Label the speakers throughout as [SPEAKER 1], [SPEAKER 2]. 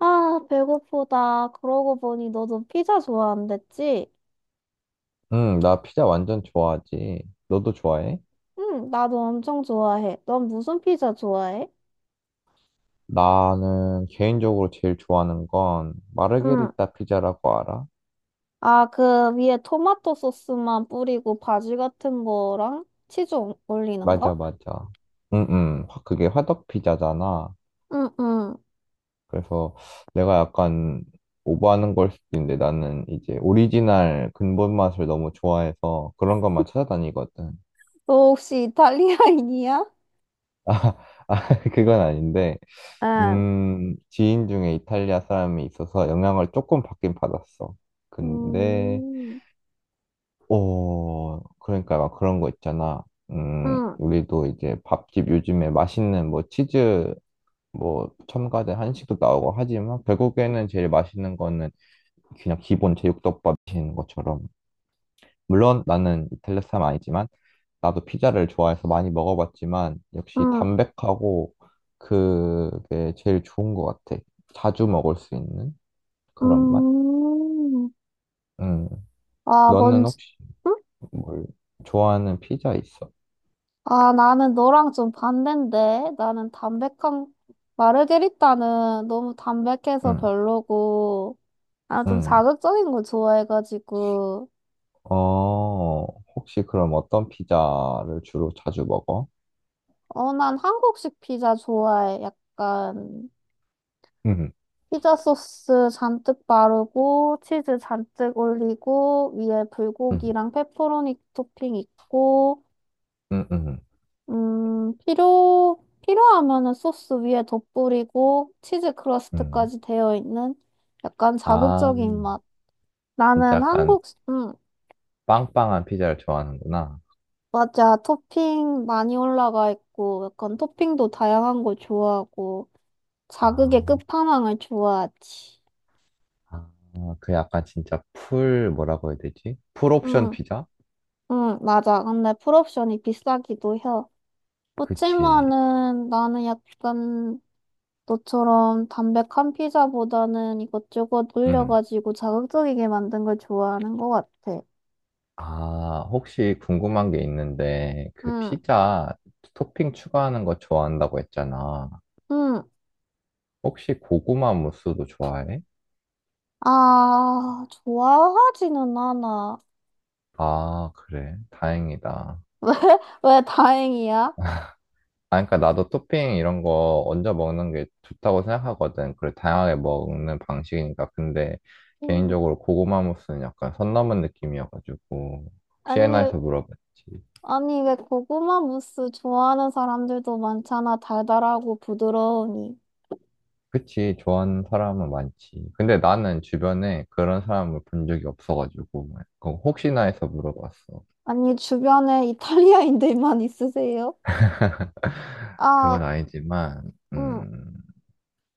[SPEAKER 1] 아, 배고프다. 그러고 보니 너도 피자 좋아한댔지?
[SPEAKER 2] 응, 나 피자 완전 좋아하지. 너도 좋아해?
[SPEAKER 1] 응, 나도 엄청 좋아해. 넌 무슨 피자 좋아해?
[SPEAKER 2] 나는 개인적으로 제일 좋아하는 건
[SPEAKER 1] 응.
[SPEAKER 2] 마르게리타 피자라고 알아?
[SPEAKER 1] 아, 그 위에 토마토 소스만 뿌리고 바지 같은 거랑 치즈 올리는
[SPEAKER 2] 맞아,
[SPEAKER 1] 거?
[SPEAKER 2] 맞아. 응, 응. 그게 화덕 피자잖아.
[SPEAKER 1] 응, 응.
[SPEAKER 2] 그래서 내가 약간 오버하는 걸 수도 있는데 나는 이제 오리지널 근본 맛을 너무 좋아해서 그런 것만 찾아다니거든.
[SPEAKER 1] 너 혹시 이탈리아인이야?
[SPEAKER 2] 아, 그건 아닌데,
[SPEAKER 1] 응.
[SPEAKER 2] 지인 중에 이탈리아 사람이 있어서 영향을 조금 받긴 받았어. 근데
[SPEAKER 1] 음,
[SPEAKER 2] 그러니까 막 그런 거 있잖아.
[SPEAKER 1] 응,
[SPEAKER 2] 우리도 이제 밥집 요즘에 맛있는 뭐 치즈 뭐 첨가된 한식도 나오고 하지만 결국에는 제일 맛있는 거는 그냥 기본 제육덮밥인 것처럼. 물론 나는 이탈리아 사람 아니지만 나도 피자를 좋아해서 많이 먹어봤지만 역시
[SPEAKER 1] 응,
[SPEAKER 2] 담백하고 그게 제일 좋은 것 같아. 자주 먹을 수 있는 그런 맛?
[SPEAKER 1] 음.
[SPEAKER 2] 음,
[SPEAKER 1] 아,
[SPEAKER 2] 너는
[SPEAKER 1] 뭔지.
[SPEAKER 2] 혹시
[SPEAKER 1] 응?
[SPEAKER 2] 뭘 좋아하는 피자 있어?
[SPEAKER 1] 아, 나는 너랑 좀 반대인데. 나는 담백한, 마르게리따는 너무 담백해서
[SPEAKER 2] 응,
[SPEAKER 1] 별로고, 나는 좀
[SPEAKER 2] 응.
[SPEAKER 1] 자극적인 걸 좋아해가지고,
[SPEAKER 2] 어, 혹시 그럼 어떤 피자를 주로 자주 먹어?
[SPEAKER 1] 어, 난 한국식 피자 좋아해. 약간,
[SPEAKER 2] 음,
[SPEAKER 1] 피자 소스 잔뜩 바르고, 치즈 잔뜩 올리고, 위에
[SPEAKER 2] 음,
[SPEAKER 1] 불고기랑 페퍼로니 토핑 있고,
[SPEAKER 2] 음, 음,
[SPEAKER 1] 필요하면은 소스 위에 덧뿌리고 치즈
[SPEAKER 2] 음.
[SPEAKER 1] 크러스트까지 되어 있는 약간
[SPEAKER 2] 아,
[SPEAKER 1] 자극적인 맛.
[SPEAKER 2] 진짜
[SPEAKER 1] 나는
[SPEAKER 2] 약간
[SPEAKER 1] 한국,
[SPEAKER 2] 빵빵한 피자를 좋아하는구나.
[SPEAKER 1] 맞아. 토핑 많이 올라가 있고, 약간 토핑도 다양한 걸 좋아하고, 자극의
[SPEAKER 2] 아,
[SPEAKER 1] 끝판왕을 좋아하지.
[SPEAKER 2] 아, 그 약간 진짜 풀, 뭐라고 해야 되지? 풀 옵션
[SPEAKER 1] 음,
[SPEAKER 2] 피자?
[SPEAKER 1] 맞아. 근데 풀옵션이 비싸기도 해.
[SPEAKER 2] 그치.
[SPEAKER 1] 그치만은 나는 약간 너처럼 담백한 피자보다는 이것저것
[SPEAKER 2] 음.
[SPEAKER 1] 올려가지고 자극적이게 만든 걸 좋아하는 것 같아.
[SPEAKER 2] 아, 혹시 궁금한 게 있는데, 그
[SPEAKER 1] 응,
[SPEAKER 2] 피자 토핑 추가하는 거 좋아한다고 했잖아.
[SPEAKER 1] 응.
[SPEAKER 2] 혹시 고구마 무스도 좋아해?
[SPEAKER 1] 아, 좋아하지는 않아.
[SPEAKER 2] 아, 그래. 다행이다.
[SPEAKER 1] 왜? 왜 다행이야?
[SPEAKER 2] 아, 그러니까 나도 토핑 이런 거 얹어 먹는 게 좋다고 생각하거든. 그래, 다양하게 먹는 방식이니까. 근데
[SPEAKER 1] 음.
[SPEAKER 2] 개인적으로 고구마 무스는 약간 선 넘은 느낌이어가지고 혹시나
[SPEAKER 1] 아니,
[SPEAKER 2] 해서 물어봤지.
[SPEAKER 1] 아니, 왜 고구마 무스 좋아하는 사람들도 많잖아. 달달하고 부드러우니.
[SPEAKER 2] 그치, 좋아하는 사람은 많지. 근데 나는 주변에 그런 사람을 본 적이 없어가지고 그거 혹시나 해서 물어봤어.
[SPEAKER 1] 아니, 주변에 이탈리아인들만 있으세요? 아,
[SPEAKER 2] 그건 아니지만,
[SPEAKER 1] 응.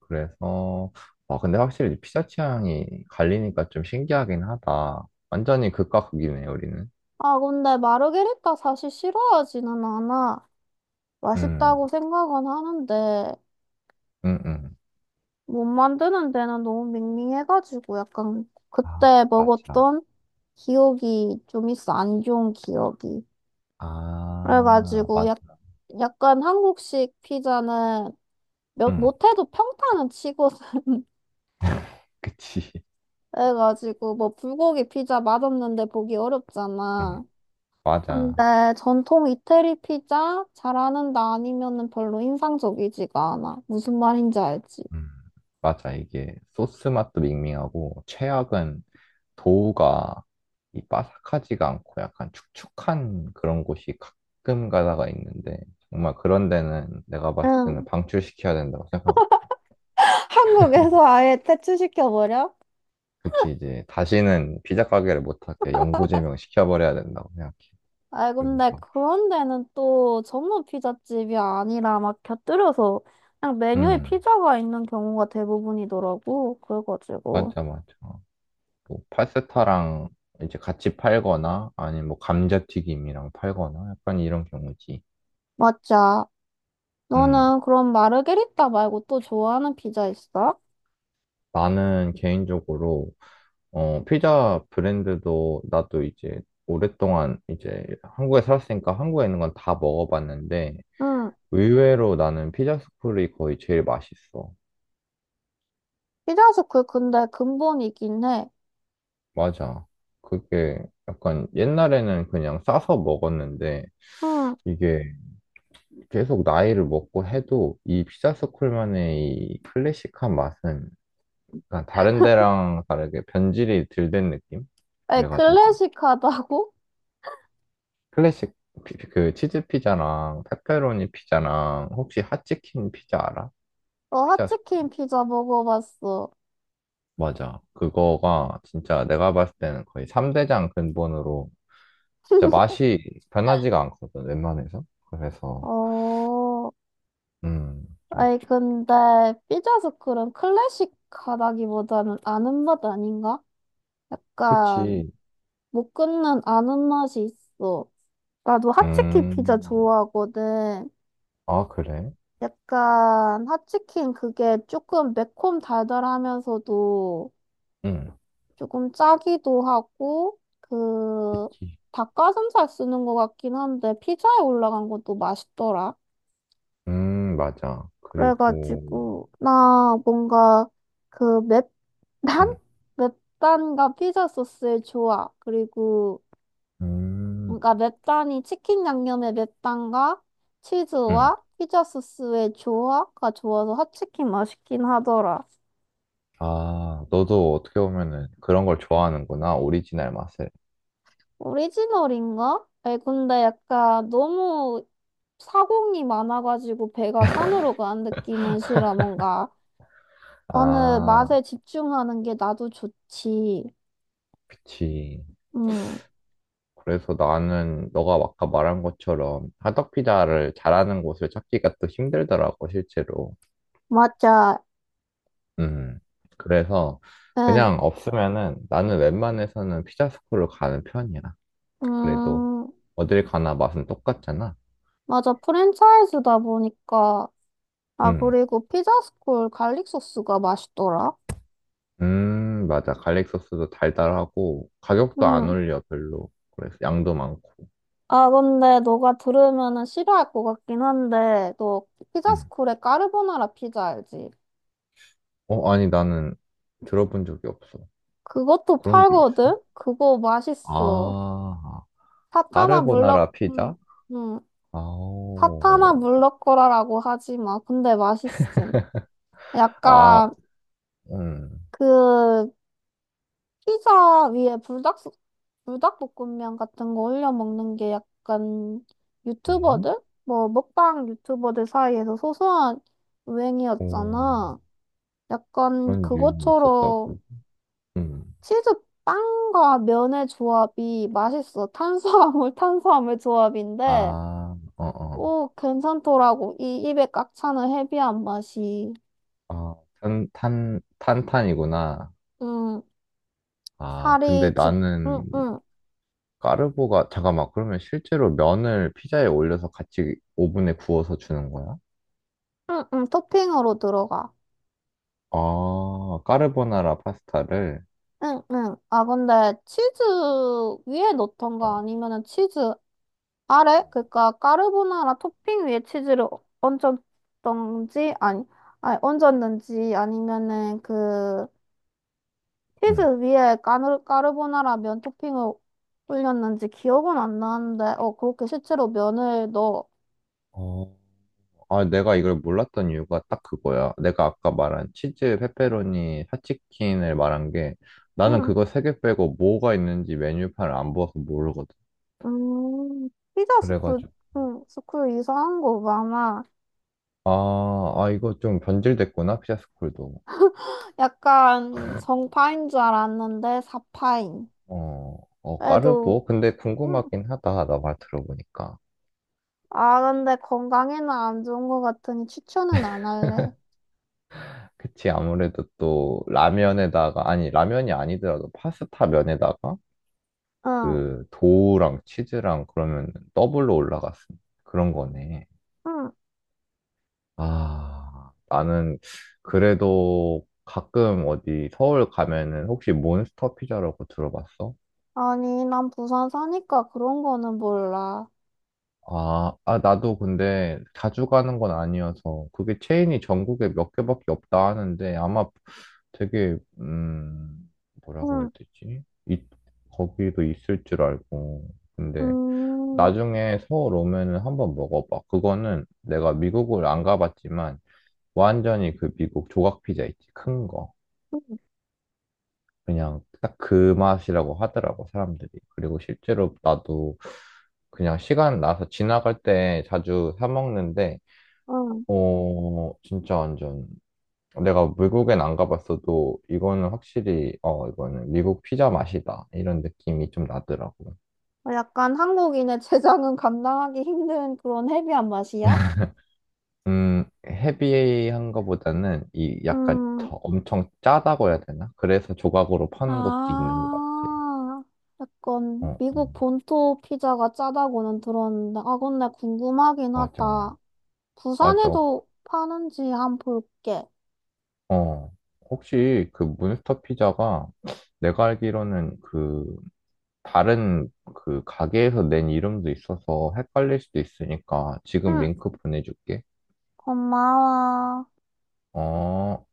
[SPEAKER 2] 그래서, 아, 근데 확실히 피자 취향이 갈리니까 좀 신기하긴 하다. 완전히 극과 극이네, 우리는.
[SPEAKER 1] 아, 근데 마르게리타 사실 싫어하지는 않아.
[SPEAKER 2] 음.
[SPEAKER 1] 맛있다고 생각은 하는데
[SPEAKER 2] 응, 응.
[SPEAKER 1] 못 만드는 데는 너무 밍밍해가지고 약간
[SPEAKER 2] 아,
[SPEAKER 1] 그때
[SPEAKER 2] 맞아.
[SPEAKER 1] 먹었던 기억이 좀 있어. 안 좋은 기억이.
[SPEAKER 2] 아,
[SPEAKER 1] 그래가지고
[SPEAKER 2] 맞아.
[SPEAKER 1] 약간 한국식 피자는
[SPEAKER 2] 응,
[SPEAKER 1] 못해도 평타는 치거든.
[SPEAKER 2] 그치.
[SPEAKER 1] 그래가지고 뭐 불고기 피자 맛없는데 보기
[SPEAKER 2] 응,
[SPEAKER 1] 어렵잖아. 근데
[SPEAKER 2] 맞아.
[SPEAKER 1] 전통 이태리 피자 잘하는다 아니면은 별로 인상적이지가 않아. 무슨 말인지 알지?
[SPEAKER 2] 응, 맞아. 이게 소스 맛도 밍밍하고, 최악은 도우가 이 바삭하지가 않고 약간 축축한 그런 곳이 가끔 가다가 있는데, 정말 그런 데는 내가 봤을
[SPEAKER 1] 응,
[SPEAKER 2] 때는 방출시켜야 된다고 생각하고,
[SPEAKER 1] 한국에서 아예 퇴출시켜버려?
[SPEAKER 2] 그치, 이제 다시는 피자 가게를 못하게 영구 제명 시켜버려야 된다고 생각해.
[SPEAKER 1] 아, 근데
[SPEAKER 2] 그래서,
[SPEAKER 1] 그런 데는 또 전문 피자집이 아니라 막 곁들여서 그냥 메뉴에
[SPEAKER 2] 응,
[SPEAKER 1] 피자가 있는 경우가 대부분이더라고. 그래가지고.
[SPEAKER 2] 맞아, 맞아. 뭐 파스타랑 이제 같이 팔거나 아니면 뭐 감자튀김이랑 팔거나 약간 이런 경우지.
[SPEAKER 1] 맞자.
[SPEAKER 2] 음.
[SPEAKER 1] 너는 그럼 마르게리따 말고 또 좋아하는 피자 있어?
[SPEAKER 2] 나는 개인적으로 피자 브랜드도 나도 이제 오랫동안 이제 한국에 살았으니까 한국에 있는 건 다 먹어봤는데
[SPEAKER 1] 응.
[SPEAKER 2] 의외로 나는 피자 스쿨이 거의 제일 맛있어.
[SPEAKER 1] 피자스쿨 근데 근본이긴 해.
[SPEAKER 2] 맞아. 그게 약간 옛날에는 그냥 싸서 먹었는데
[SPEAKER 1] 응.
[SPEAKER 2] 이게 계속 나이를 먹고 해도 이 피자 스쿨만의 이 클래식한 맛은 약간 다른 데랑 다르게 변질이 덜 된 느낌?
[SPEAKER 1] 에,
[SPEAKER 2] 그래가지고
[SPEAKER 1] 클래식하다고?
[SPEAKER 2] 클래식 그 치즈 피자랑 페페로니 피자랑 혹시 핫치킨 피자 알아?
[SPEAKER 1] 어,
[SPEAKER 2] 피자 스쿨에.
[SPEAKER 1] 핫치킨 피자 먹어봤어.
[SPEAKER 2] 맞아. 그거가 진짜 내가 봤을 때는 거의 3대장 근본으로 진짜 맛이 변하지가 않거든, 웬만해서. 그래서
[SPEAKER 1] 어.
[SPEAKER 2] 음, 막
[SPEAKER 1] 아니, 근데 삐져서클은 클래식하다기보다는 아는 맛 아닌가? 약간
[SPEAKER 2] 그치.
[SPEAKER 1] 못 끊는 아는 맛이 있어. 나도 핫치킨 피자
[SPEAKER 2] 음.
[SPEAKER 1] 좋아하거든.
[SPEAKER 2] 아, 그래?
[SPEAKER 1] 약간 핫치킨 그게 조금 매콤 달달하면서도
[SPEAKER 2] 응.
[SPEAKER 1] 조금 짜기도 하고 그
[SPEAKER 2] 그치.
[SPEAKER 1] 닭가슴살 쓰는 것 같긴 한데 피자에 올라간 것도 맛있더라.
[SPEAKER 2] 맞아. 그리고
[SPEAKER 1] 그래가지고 나 뭔가 그 난
[SPEAKER 2] 음.
[SPEAKER 1] 맵단과 피자 소스의 조화 그리고
[SPEAKER 2] 음.
[SPEAKER 1] 뭔가 맵단이 치킨 양념의 맵단과
[SPEAKER 2] 음.
[SPEAKER 1] 치즈와 피자 소스의 조화가 좋아서 핫치킨 맛있긴 하더라.
[SPEAKER 2] 아, 너도 어떻게 보면은 그런 걸 좋아하는구나, 오리지널 맛을.
[SPEAKER 1] 오리지널인가? 아니 근데 약간 너무 사공이 많아가지고 배가 산으로 가는 느낌은 싫어. 뭔가 어느
[SPEAKER 2] 아,
[SPEAKER 1] 맛에 집중하는 게 나도 좋지.
[SPEAKER 2] 그치.
[SPEAKER 1] 음,
[SPEAKER 2] 그래서 나는 너가 아까 말한 것처럼 화덕피자를 잘하는 곳을 찾기가 또 힘들더라고, 실제로.
[SPEAKER 1] 맞아.
[SPEAKER 2] 음. 그래서
[SPEAKER 1] 응.
[SPEAKER 2] 그냥 없으면은 나는 웬만해서는 피자스쿨을 가는 편이야. 그래도
[SPEAKER 1] 음,
[SPEAKER 2] 어딜 가나 맛은 똑같잖아.
[SPEAKER 1] 맞아. 프랜차이즈다 보니까. 아,
[SPEAKER 2] 음.
[SPEAKER 1] 그리고 피자스쿨 갈릭 소스가 맛있더라.
[SPEAKER 2] 맞아. 갈릭 소스도 달달하고 가격도 안
[SPEAKER 1] 응.
[SPEAKER 2] 올려, 별로. 그래서 양도 많고.
[SPEAKER 1] 아, 근데 너가 들으면은 싫어할 것 같긴 한데, 너
[SPEAKER 2] 음.
[SPEAKER 1] 피자스쿨의 까르보나라 피자 알지?
[SPEAKER 2] 어, 아니, 나는 들어본 적이 없어.
[SPEAKER 1] 그것도
[SPEAKER 2] 그런 게 있어?
[SPEAKER 1] 팔거든? 그거 맛있어.
[SPEAKER 2] 아,
[SPEAKER 1] 사타나 물럭,
[SPEAKER 2] 까르보나라 피자?
[SPEAKER 1] 음.
[SPEAKER 2] 아오.
[SPEAKER 1] 사타나 물럭거라라고 하지 마. 근데 맛있음.
[SPEAKER 2] 아,
[SPEAKER 1] 약간,
[SPEAKER 2] 음.
[SPEAKER 1] 그, 피자 위에 불닭, 불닭볶음면 같은 거 올려 먹는 게 약간
[SPEAKER 2] 음?
[SPEAKER 1] 유튜버들? 뭐 먹방 유튜버들 사이에서 소소한
[SPEAKER 2] 오,
[SPEAKER 1] 유행이었잖아. 약간
[SPEAKER 2] 그런 유인이
[SPEAKER 1] 그것처럼
[SPEAKER 2] 있었다고. 음.
[SPEAKER 1] 치즈 빵과 면의 조합이 맛있어. 탄수화물, 탄수화물 조합인데,
[SPEAKER 2] 아, 어, 어.
[SPEAKER 1] 오, 괜찮더라고. 이 입에 꽉 차는 헤비한 맛이.
[SPEAKER 2] 아, 탄, 탄, 탄탄이구나.
[SPEAKER 1] 음,
[SPEAKER 2] 아, 근데
[SPEAKER 1] 살이 집, 응,
[SPEAKER 2] 나는
[SPEAKER 1] 응,
[SPEAKER 2] 까르보가, 잠깐만, 그러면 실제로 면을 피자에 올려서 같이 오븐에 구워서 주는 거야?
[SPEAKER 1] 응, 응, 토핑으로 들어가.
[SPEAKER 2] 아, 까르보나라 파스타를.
[SPEAKER 1] 응, 응. 아, 근데 치즈 위에
[SPEAKER 2] 어,
[SPEAKER 1] 넣던가 아니면은 치즈 아래? 그러니까 까르보나라 토핑 위에 치즈를 얹었던지 아니, 아니 얹었는지 아니면은 그 치즈 위에 까르보나라 면 토핑을 올렸는지 기억은 안 나는데 어 그렇게 실제로 면을 넣어.
[SPEAKER 2] 음. 아, 내가 이걸 몰랐던 이유가 딱 그거야. 내가 아까 말한 치즈, 페페로니, 핫치킨을 말한 게 나는
[SPEAKER 1] 응.
[SPEAKER 2] 그거 3개 빼고 뭐가 있는지 메뉴판을 안 보아서 모르거든.
[SPEAKER 1] 음, 피자 스쿨,
[SPEAKER 2] 그래가지고.
[SPEAKER 1] 응, 스쿨 이상한 거 많아.
[SPEAKER 2] 아, 아, 이거 좀 변질됐구나, 피자스쿨도.
[SPEAKER 1] 약간 정파인 줄 알았는데 사파인.
[SPEAKER 2] 어, 어,
[SPEAKER 1] 그래도
[SPEAKER 2] 까르보? 근데
[SPEAKER 1] 응.
[SPEAKER 2] 궁금하긴 하다, 나 말 들어보니까.
[SPEAKER 1] 아, 근데 건강에는 안 좋은 것 같으니 추천은 안 할래.
[SPEAKER 2] 그치, 아무래도 또 라면에다가, 아니, 라면이 아니더라도 파스타 면에다가
[SPEAKER 1] 응,
[SPEAKER 2] 그 도우랑 치즈랑 그러면 더블로 올라갔으니 그런 거네.
[SPEAKER 1] 응.
[SPEAKER 2] 아, 나는 그래도 가끔 어디 서울 가면은 혹시 몬스터 피자라고 들어봤어?
[SPEAKER 1] 아니, 난 부산 사니까 그런 거는 몰라.
[SPEAKER 2] 아, 아, 나도 근데 자주 가는 건 아니어서 그게 체인이 전국에 몇 개밖에 없다 하는데 아마 되게, 뭐라고 해야
[SPEAKER 1] 응,
[SPEAKER 2] 되지? 이, 거기도 있을 줄 알고. 근데
[SPEAKER 1] 음,
[SPEAKER 2] 나중에 서울 오면은 한번 먹어봐. 그거는 내가 미국을 안 가봤지만 완전히 그 미국 조각 피자 있지, 큰 거.
[SPEAKER 1] 응,
[SPEAKER 2] 그냥 딱 그 맛이라고 하더라고, 사람들이. 그리고 실제로 나도 그냥 시간 나서 지나갈 때 자주 사 먹는데,
[SPEAKER 1] 응.
[SPEAKER 2] 어, 진짜 완전 내가 외국엔 안 가봤어도 이거는 확실히, 어, 이거는 미국 피자 맛이다. 이런 느낌이 좀 나더라고.
[SPEAKER 1] 약간 한국인의 제장은 감당하기 힘든 그런 헤비한 맛이야?
[SPEAKER 2] 헤비한 거보다는 이 약간
[SPEAKER 1] 음,
[SPEAKER 2] 더 엄청 짜다고 해야 되나? 그래서 조각으로 파는 것도 있는 것 같아.
[SPEAKER 1] 아,
[SPEAKER 2] 어,
[SPEAKER 1] 약간 미국
[SPEAKER 2] 어,
[SPEAKER 1] 본토 피자가 짜다고는 들었는데, 아, 근데 궁금하긴
[SPEAKER 2] 맞아.
[SPEAKER 1] 하다.
[SPEAKER 2] 맞아.
[SPEAKER 1] 부산에도 파는지 한 볼게.
[SPEAKER 2] 어, 혹시 그 몬스터 피자가 내가 알기로는 그 다른 그 가게에서 낸 이름도 있어서 헷갈릴 수도 있으니까 지금
[SPEAKER 1] 응,
[SPEAKER 2] 링크 보내줄게.
[SPEAKER 1] 고마워.
[SPEAKER 2] 어,